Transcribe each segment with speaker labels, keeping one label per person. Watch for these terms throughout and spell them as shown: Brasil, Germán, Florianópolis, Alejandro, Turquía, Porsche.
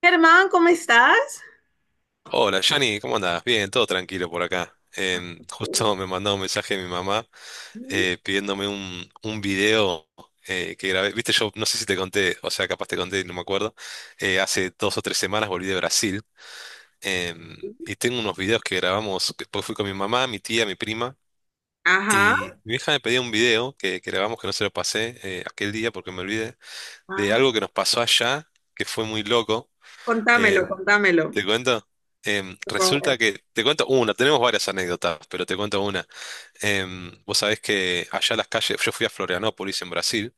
Speaker 1: Germán, ¿cómo estás?
Speaker 2: Hola, Johnny, ¿cómo andás? Bien, todo tranquilo por acá. Justo me mandó un mensaje mi mamá pidiéndome un video que grabé. Viste, yo no sé si te conté, o sea, capaz te conté, no me acuerdo. Hace 2 o 3 semanas volví de Brasil em, y tengo unos videos que grabamos, porque fui con mi mamá, mi tía, mi prima.
Speaker 1: Ajá.
Speaker 2: Y mi hija me pedía un video que grabamos que no se lo pasé aquel día porque me olvidé, de
Speaker 1: Ah,
Speaker 2: algo que nos pasó allá, que fue muy loco.
Speaker 1: contámelo,
Speaker 2: Eh,
Speaker 1: contámelo,
Speaker 2: ¿Te cuento?
Speaker 1: por favor.
Speaker 2: Resulta que, te cuento una, tenemos varias anécdotas, pero te cuento una. Vos sabés que allá las calles, yo fui a Florianópolis en Brasil,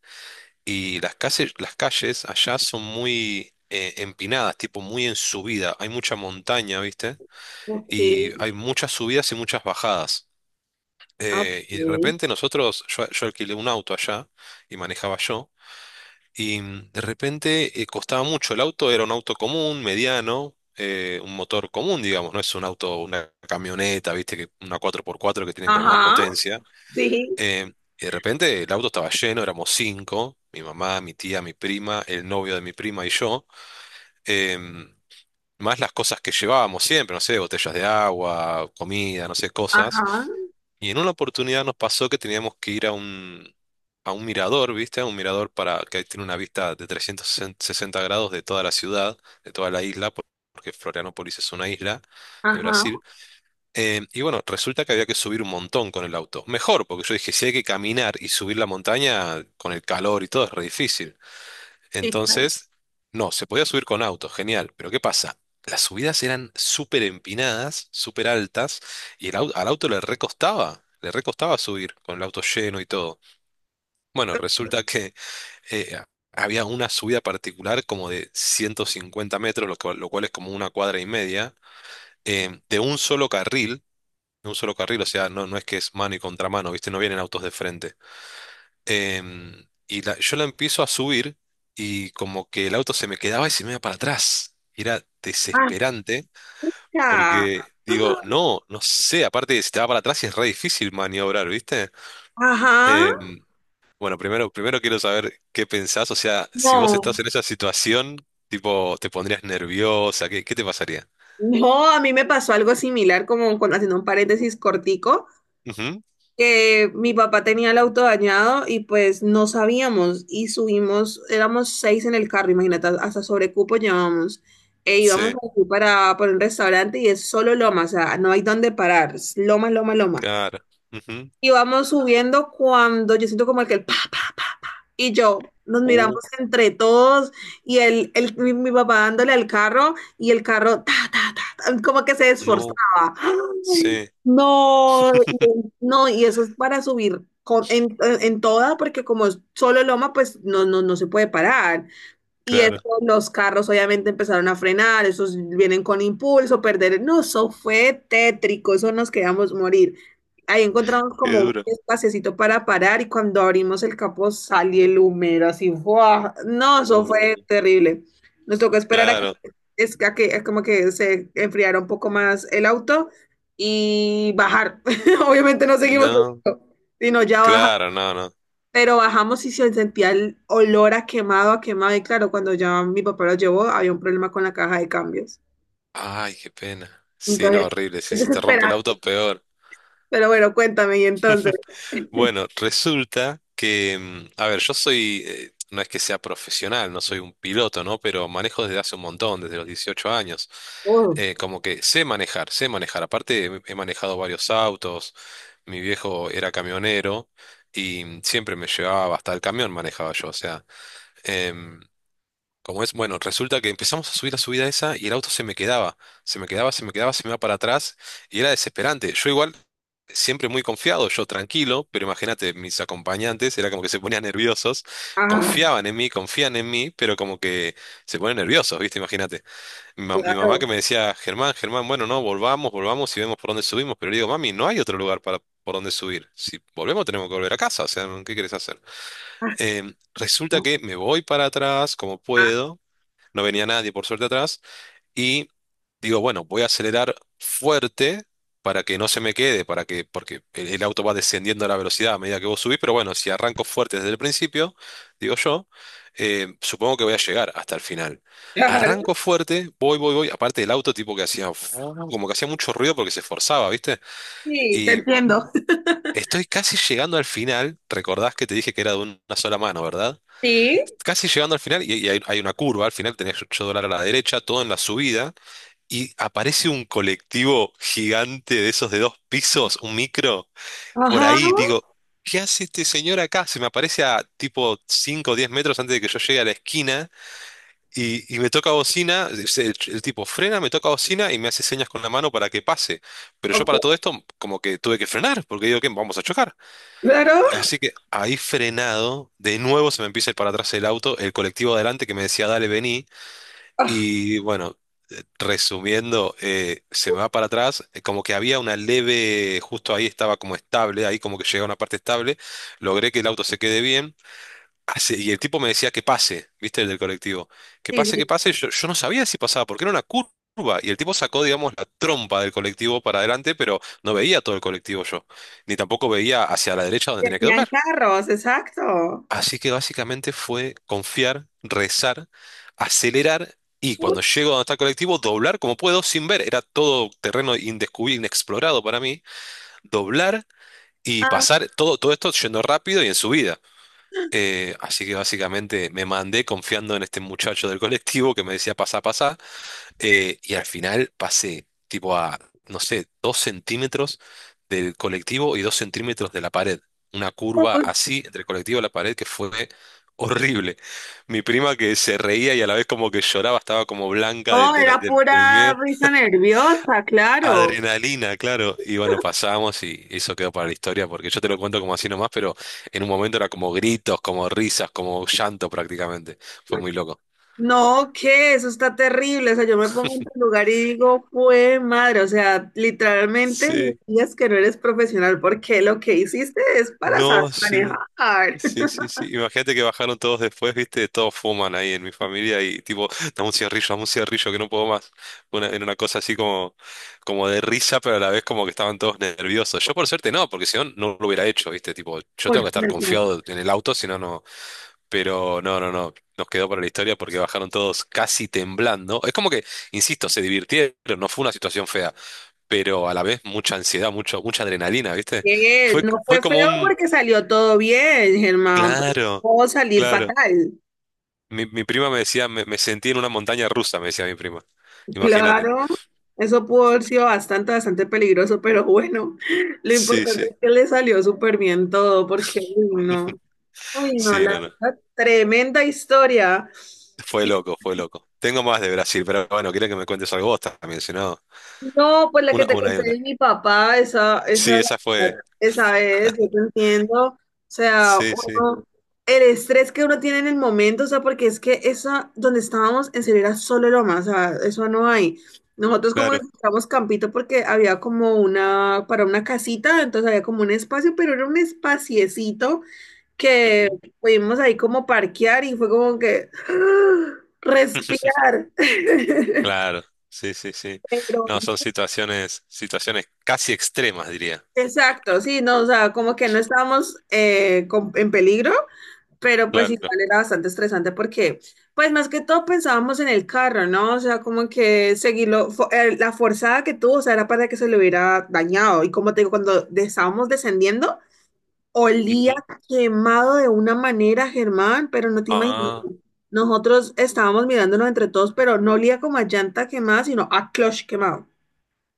Speaker 2: y las calles allá son muy empinadas, tipo muy en subida, hay mucha montaña, ¿viste?
Speaker 1: Ok,
Speaker 2: Y hay muchas subidas y muchas bajadas. Y de
Speaker 1: ok.
Speaker 2: repente nosotros, yo alquilé un auto allá y manejaba yo. Y de repente costaba mucho. El auto era un auto común, mediano, un motor común, digamos, no es un auto, una camioneta, viste, que una cuatro por cuatro que tienen con más
Speaker 1: Ajá,
Speaker 2: potencia.
Speaker 1: sí,
Speaker 2: Eh, y de repente el auto estaba lleno, éramos cinco, mi mamá, mi tía, mi prima, el novio de mi prima y yo. Em, más las cosas que llevábamos siempre, no sé, botellas de agua, comida, no sé, cosas.
Speaker 1: ajá,
Speaker 2: Y en una oportunidad nos pasó que teníamos que ir a a un mirador, ¿viste? A un mirador para, que tiene una vista de 360 grados de toda la ciudad, de toda la isla, porque Florianópolis es una isla de
Speaker 1: ajá,
Speaker 2: Brasil. Y bueno, resulta que había que subir un montón con el auto. Mejor, porque yo dije, si hay que caminar y subir la montaña con el calor y todo, es re difícil.
Speaker 1: sí,
Speaker 2: Entonces, no, se podía subir con auto, genial, pero ¿qué pasa? Las subidas eran súper empinadas, súper altas, y el al auto le recostaba subir, con el auto lleno y todo. Bueno, resulta que eh, había una subida particular como de 150 metros, lo cual es como una cuadra y media, de un solo carril, de un solo carril, o sea, no, no es que es mano y contramano, ¿viste? No vienen autos de frente. Y yo la empiezo a subir y como que el auto se me quedaba y se me iba para atrás. Era desesperante
Speaker 1: ajá,
Speaker 2: porque digo, no, no sé, aparte de si te va para atrás es re difícil maniobrar, ¿viste?
Speaker 1: ajá.
Speaker 2: Em, bueno, primero quiero saber qué pensás, o sea, si vos
Speaker 1: No,
Speaker 2: estás en esa situación, tipo, ¿te pondrías nerviosa? ¿Qué, qué te pasaría?
Speaker 1: no, a mí me pasó algo similar, como con, haciendo un paréntesis cortico.
Speaker 2: Ujú.
Speaker 1: Que mi papá tenía el auto dañado y pues no sabíamos y subimos, éramos seis en el carro, imagínate, hasta sobrecupo llevábamos. E íbamos
Speaker 2: Sí,
Speaker 1: aquí para un restaurante y es solo loma, o sea, no hay dónde parar, es loma, loma, loma.
Speaker 2: claro. Ujú.
Speaker 1: Y vamos subiendo cuando yo siento como el que el pa, pa, y yo nos
Speaker 2: Uh,
Speaker 1: miramos entre todos y mi papá dándole al carro y el carro ta, ta, ta, ta, como que se
Speaker 2: no,
Speaker 1: esforzaba. Ay,
Speaker 2: sí,
Speaker 1: no, no, y eso es para subir en toda, porque como es solo loma, pues no, no, no se puede parar. Y eso,
Speaker 2: claro,
Speaker 1: los carros obviamente empezaron a frenar, esos vienen con impulso, perder. No, eso fue tétrico, eso nos quedamos morir. Ahí encontramos
Speaker 2: qué
Speaker 1: como un
Speaker 2: duro.
Speaker 1: espacecito para parar y cuando abrimos el capó salió el humero así, ¡fua! No, eso fue
Speaker 2: Uh,
Speaker 1: terrible. Nos tocó esperar a que,
Speaker 2: claro,
Speaker 1: es que, como que se enfriara un poco más el auto y bajar. Obviamente no seguimos,
Speaker 2: no.
Speaker 1: sino ya bajar.
Speaker 2: Claro, no, no.
Speaker 1: Pero bajamos y se sentía el olor a quemado, a quemado. Y claro, cuando ya mi papá lo llevó, había un problema con la caja de cambios.
Speaker 2: Ay, qué pena. Sí, no,
Speaker 1: Entonces,
Speaker 2: horrible. Si
Speaker 1: es
Speaker 2: se te rompe el
Speaker 1: desesperante.
Speaker 2: auto, peor.
Speaker 1: Pero bueno, cuéntame, y entonces.
Speaker 2: Bueno, resulta que, a ver, yo soy, no es que sea profesional, no soy un piloto, ¿no? Pero manejo desde hace un montón, desde los 18 años.
Speaker 1: Oh,
Speaker 2: Como que sé manejar, sé manejar. Aparte, he manejado varios autos. Mi viejo era camionero y siempre me llevaba hasta el camión, manejaba yo. O sea, em, como es, bueno, resulta que empezamos a subir la subida esa y el auto se me quedaba, se me quedaba, se me quedaba, se me iba para atrás y era desesperante. Yo igual, siempre muy confiado, yo tranquilo, pero imagínate, mis acompañantes era como que se ponían nerviosos,
Speaker 1: ah,
Speaker 2: confiaban en mí, confían en mí, pero como que se ponen nerviosos, ¿viste? Imagínate. Mi mamá que
Speaker 1: claro.
Speaker 2: me decía, Germán, Germán, bueno, no, volvamos, volvamos y vemos por dónde subimos, pero le digo, mami, no hay otro lugar para... por dónde subir. Si volvemos tenemos que volver a casa, o sea, ¿qué querés hacer?
Speaker 1: Ah,
Speaker 2: Resulta que me voy para atrás como
Speaker 1: ah,
Speaker 2: puedo, no venía nadie por suerte atrás, y digo, bueno, voy a acelerar fuerte para que no se me quede, para que, porque el auto va descendiendo la velocidad a medida que vos subís, pero bueno, si arranco fuerte desde el principio, digo yo, supongo que voy a llegar hasta el final. Arranco
Speaker 1: claro,
Speaker 2: fuerte, voy, voy, voy, aparte el auto tipo que hacía, como que hacía mucho ruido porque se esforzaba, ¿viste?
Speaker 1: sí, te
Speaker 2: Y
Speaker 1: entiendo.
Speaker 2: estoy casi llegando al final, recordás que te dije que era de una sola mano, ¿verdad?
Speaker 1: Sí,
Speaker 2: Casi llegando al final, y hay una curva, al final tenés $8 a la derecha, todo en la subida, y aparece un colectivo gigante de esos de dos pisos, un micro, por
Speaker 1: ajá,
Speaker 2: ahí. Digo, ¿qué hace este señor acá? Se me aparece a tipo cinco o 10 metros antes de que yo llegue a la esquina, y me toca bocina, el tipo frena, me toca bocina y me hace señas con la mano para que pase. Pero yo para
Speaker 1: ok,
Speaker 2: todo esto, como que tuve que frenar, porque digo, ¿qué? Vamos a chocar.
Speaker 1: claro.
Speaker 2: Así que ahí frenado, de nuevo se me empieza a ir para atrás el auto, el colectivo adelante que me decía, dale, vení.
Speaker 1: Ah,
Speaker 2: Y bueno, resumiendo, se me va para atrás, como que había una leve, justo ahí estaba como estable, ahí como que llegué a una parte estable, logré que el auto se quede bien. Y el tipo me decía que pase, ¿viste? El del colectivo. Que
Speaker 1: sí,
Speaker 2: pase, que
Speaker 1: sí,
Speaker 2: pase. Yo no sabía si pasaba, porque era una curva. Y el tipo sacó, digamos, la trompa del colectivo para adelante, pero no veía todo el colectivo yo. Ni tampoco veía hacia la derecha donde tenía que
Speaker 1: tenían
Speaker 2: doblar.
Speaker 1: carros, exacto.
Speaker 2: Así que básicamente fue confiar, rezar, acelerar y
Speaker 1: Uy,
Speaker 2: cuando llego a donde está el colectivo, doblar como puedo sin ver. Era todo terreno indescubierto, inexplorado para mí. Doblar y
Speaker 1: ah,
Speaker 2: pasar todo, todo esto yendo rápido y en subida. Así que básicamente me mandé confiando en este muchacho del colectivo que me decía pasá, pasá. Y al final pasé tipo a, no sé, 2 centímetros del colectivo y 2 centímetros de la pared. Una curva
Speaker 1: uy,
Speaker 2: así entre el colectivo y la pared que fue horrible. Mi prima que se reía y a la vez como que lloraba, estaba como blanca
Speaker 1: no,
Speaker 2: del, de la-
Speaker 1: era
Speaker 2: del- del
Speaker 1: pura
Speaker 2: miedo.
Speaker 1: risa nerviosa, claro.
Speaker 2: Adrenalina, claro. Y bueno, pasamos y eso quedó para la historia porque yo te lo cuento como así nomás, pero en un momento era como gritos, como risas, como llanto prácticamente. Fue muy loco.
Speaker 1: No, que eso está terrible. O sea, yo me pongo en tu lugar y digo, fue madre. O sea, literalmente me
Speaker 2: Sí,
Speaker 1: digas que no eres profesional porque lo que hiciste es para saber
Speaker 2: no, sí.
Speaker 1: manejar.
Speaker 2: Sí, sí, sí. Imagínate que bajaron todos después, viste, todos fuman ahí en mi familia y tipo, dame un cigarrillo que no puedo más. Una, en una cosa así como, como de risa, pero a la vez como que estaban todos nerviosos. Yo por suerte no, porque si no, no lo hubiera hecho, viste, tipo, yo
Speaker 1: Por
Speaker 2: tengo que estar
Speaker 1: suerte.
Speaker 2: confiado en el auto, si no, no. Pero no, no, no. Nos quedó para la historia porque bajaron todos casi temblando. Es como que, insisto, se divirtieron, no fue una situación fea, pero a la vez mucha ansiedad, mucha adrenalina, viste.
Speaker 1: ¿Qué? No fue
Speaker 2: Fue
Speaker 1: feo
Speaker 2: como un,
Speaker 1: porque salió todo bien, Germán. Pero
Speaker 2: claro.
Speaker 1: pudo salir
Speaker 2: Claro.
Speaker 1: fatal.
Speaker 2: Mi prima me decía, me sentí en una montaña rusa, me decía mi prima. Imagínate.
Speaker 1: Claro, eso pudo haber sido bastante, bastante peligroso, pero bueno, lo
Speaker 2: Sí,
Speaker 1: importante
Speaker 2: sí,
Speaker 1: es que le salió súper bien todo porque, uy, no. Uy, no,
Speaker 2: sí,
Speaker 1: la
Speaker 2: no, no.
Speaker 1: verdad, tremenda historia.
Speaker 2: Fue loco, fue loco. Tengo más de Brasil, pero bueno, quiero que me cuentes algo vos también, si no,
Speaker 1: No, pues la que te
Speaker 2: una y
Speaker 1: conté
Speaker 2: una.
Speaker 1: de mi papá, esa, esa,
Speaker 2: Sí, esa fue.
Speaker 1: esa es, yo te entiendo. O sea,
Speaker 2: Sí, sí,
Speaker 1: uno, el estrés que uno tiene en el momento, o sea, porque es que esa, donde estábamos, en serio era solo loma, o sea, eso no hay. Nosotros como que
Speaker 2: claro.
Speaker 1: estábamos campito porque había como una, para una casita, entonces había como un espacio, pero era un espaciecito que
Speaker 2: Ujú.
Speaker 1: pudimos ahí como parquear y fue como que ¡ah! Respirar.
Speaker 2: Claro, sí, sí, sí.
Speaker 1: Pero,
Speaker 2: No, son situaciones, situaciones casi extremas, diría.
Speaker 1: exacto, sí, no, o sea, como que no estábamos en peligro, pero pues
Speaker 2: Claro.
Speaker 1: igual era bastante estresante porque, pues más que todo pensábamos en el carro, ¿no? O sea, como que seguirlo, la forzada que tuvo, o sea, era para que se le hubiera dañado. Y como te digo, cuando estábamos descendiendo,
Speaker 2: Ujú.
Speaker 1: olía quemado de una manera, Germán, pero no te imaginas.
Speaker 2: Ah,
Speaker 1: Nosotros estábamos mirándonos entre todos, pero no olía como a llanta quemada, sino a clutch quemado.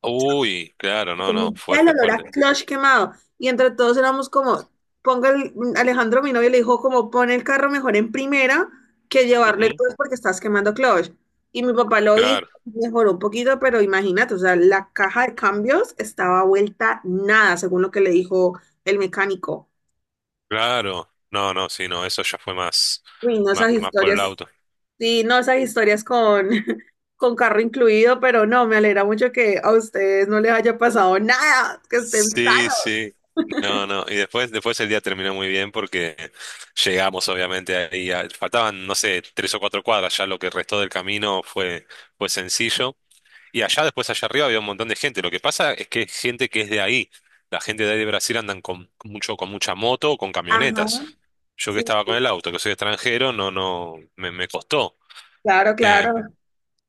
Speaker 2: uy, claro, no, no,
Speaker 1: Ya el
Speaker 2: fuerte,
Speaker 1: olor a
Speaker 2: fuerte.
Speaker 1: clutch quemado. Y entre todos éramos como, Alejandro, mi novio, le dijo como, pon el carro mejor en primera que llevarlo
Speaker 2: Ujú.
Speaker 1: entonces porque estás quemando clutch. Y mi papá lo hizo,
Speaker 2: Claro,
Speaker 1: mejoró un poquito, pero imagínate, o sea, la caja de cambios estaba vuelta nada, según lo que le dijo el mecánico.
Speaker 2: claro. No, no, sí, no, eso ya fue más,
Speaker 1: Uy, no,
Speaker 2: más,
Speaker 1: esas
Speaker 2: más por el
Speaker 1: historias.
Speaker 2: auto.
Speaker 1: Sí, no esas historias con, con carro incluido, pero no, me alegra mucho que a ustedes no les haya pasado nada, que estén
Speaker 2: Sí,
Speaker 1: sanos.
Speaker 2: sí. No, no. Y después, después el día terminó muy bien porque llegamos, obviamente, ahí. Faltaban, no sé, 3 o 4 cuadras. Ya lo que restó del camino fue, fue sencillo. Y allá, después, allá arriba había un montón de gente. Lo que pasa es que es gente que es de ahí. La gente de ahí de Brasil andan con mucho, con mucha moto o con
Speaker 1: Ajá,
Speaker 2: camionetas. Yo que
Speaker 1: sí,
Speaker 2: estaba con el auto, que soy extranjero, no, no, me costó.
Speaker 1: claro,
Speaker 2: Eh,
Speaker 1: claro,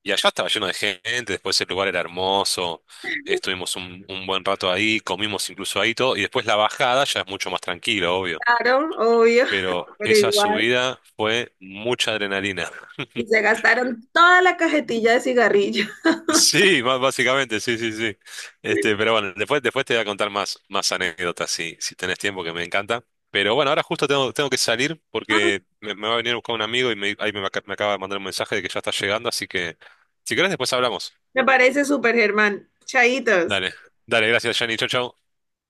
Speaker 2: y allá estaba lleno de gente, después el lugar era hermoso, estuvimos un buen rato ahí, comimos incluso ahí todo, y después la bajada ya es mucho más tranquilo, obvio.
Speaker 1: claro, obvio,
Speaker 2: Pero
Speaker 1: pero
Speaker 2: esa
Speaker 1: igual.
Speaker 2: subida fue mucha adrenalina.
Speaker 1: Y se gastaron toda la cajetilla de cigarrillos.
Speaker 2: Sí, básicamente, sí, sí, sí. Este, pero bueno, después, después te voy a contar más, más anécdotas si, si tenés tiempo, que me encanta. Pero bueno, ahora justo tengo, tengo que salir
Speaker 1: Ah,
Speaker 2: porque me va a venir a buscar un amigo y me, me acaba de mandar un mensaje de que ya está llegando, así que si querés después hablamos.
Speaker 1: me parece súper, Germán. Chaitos.
Speaker 2: Dale, dale, gracias, Jani, chau, chau.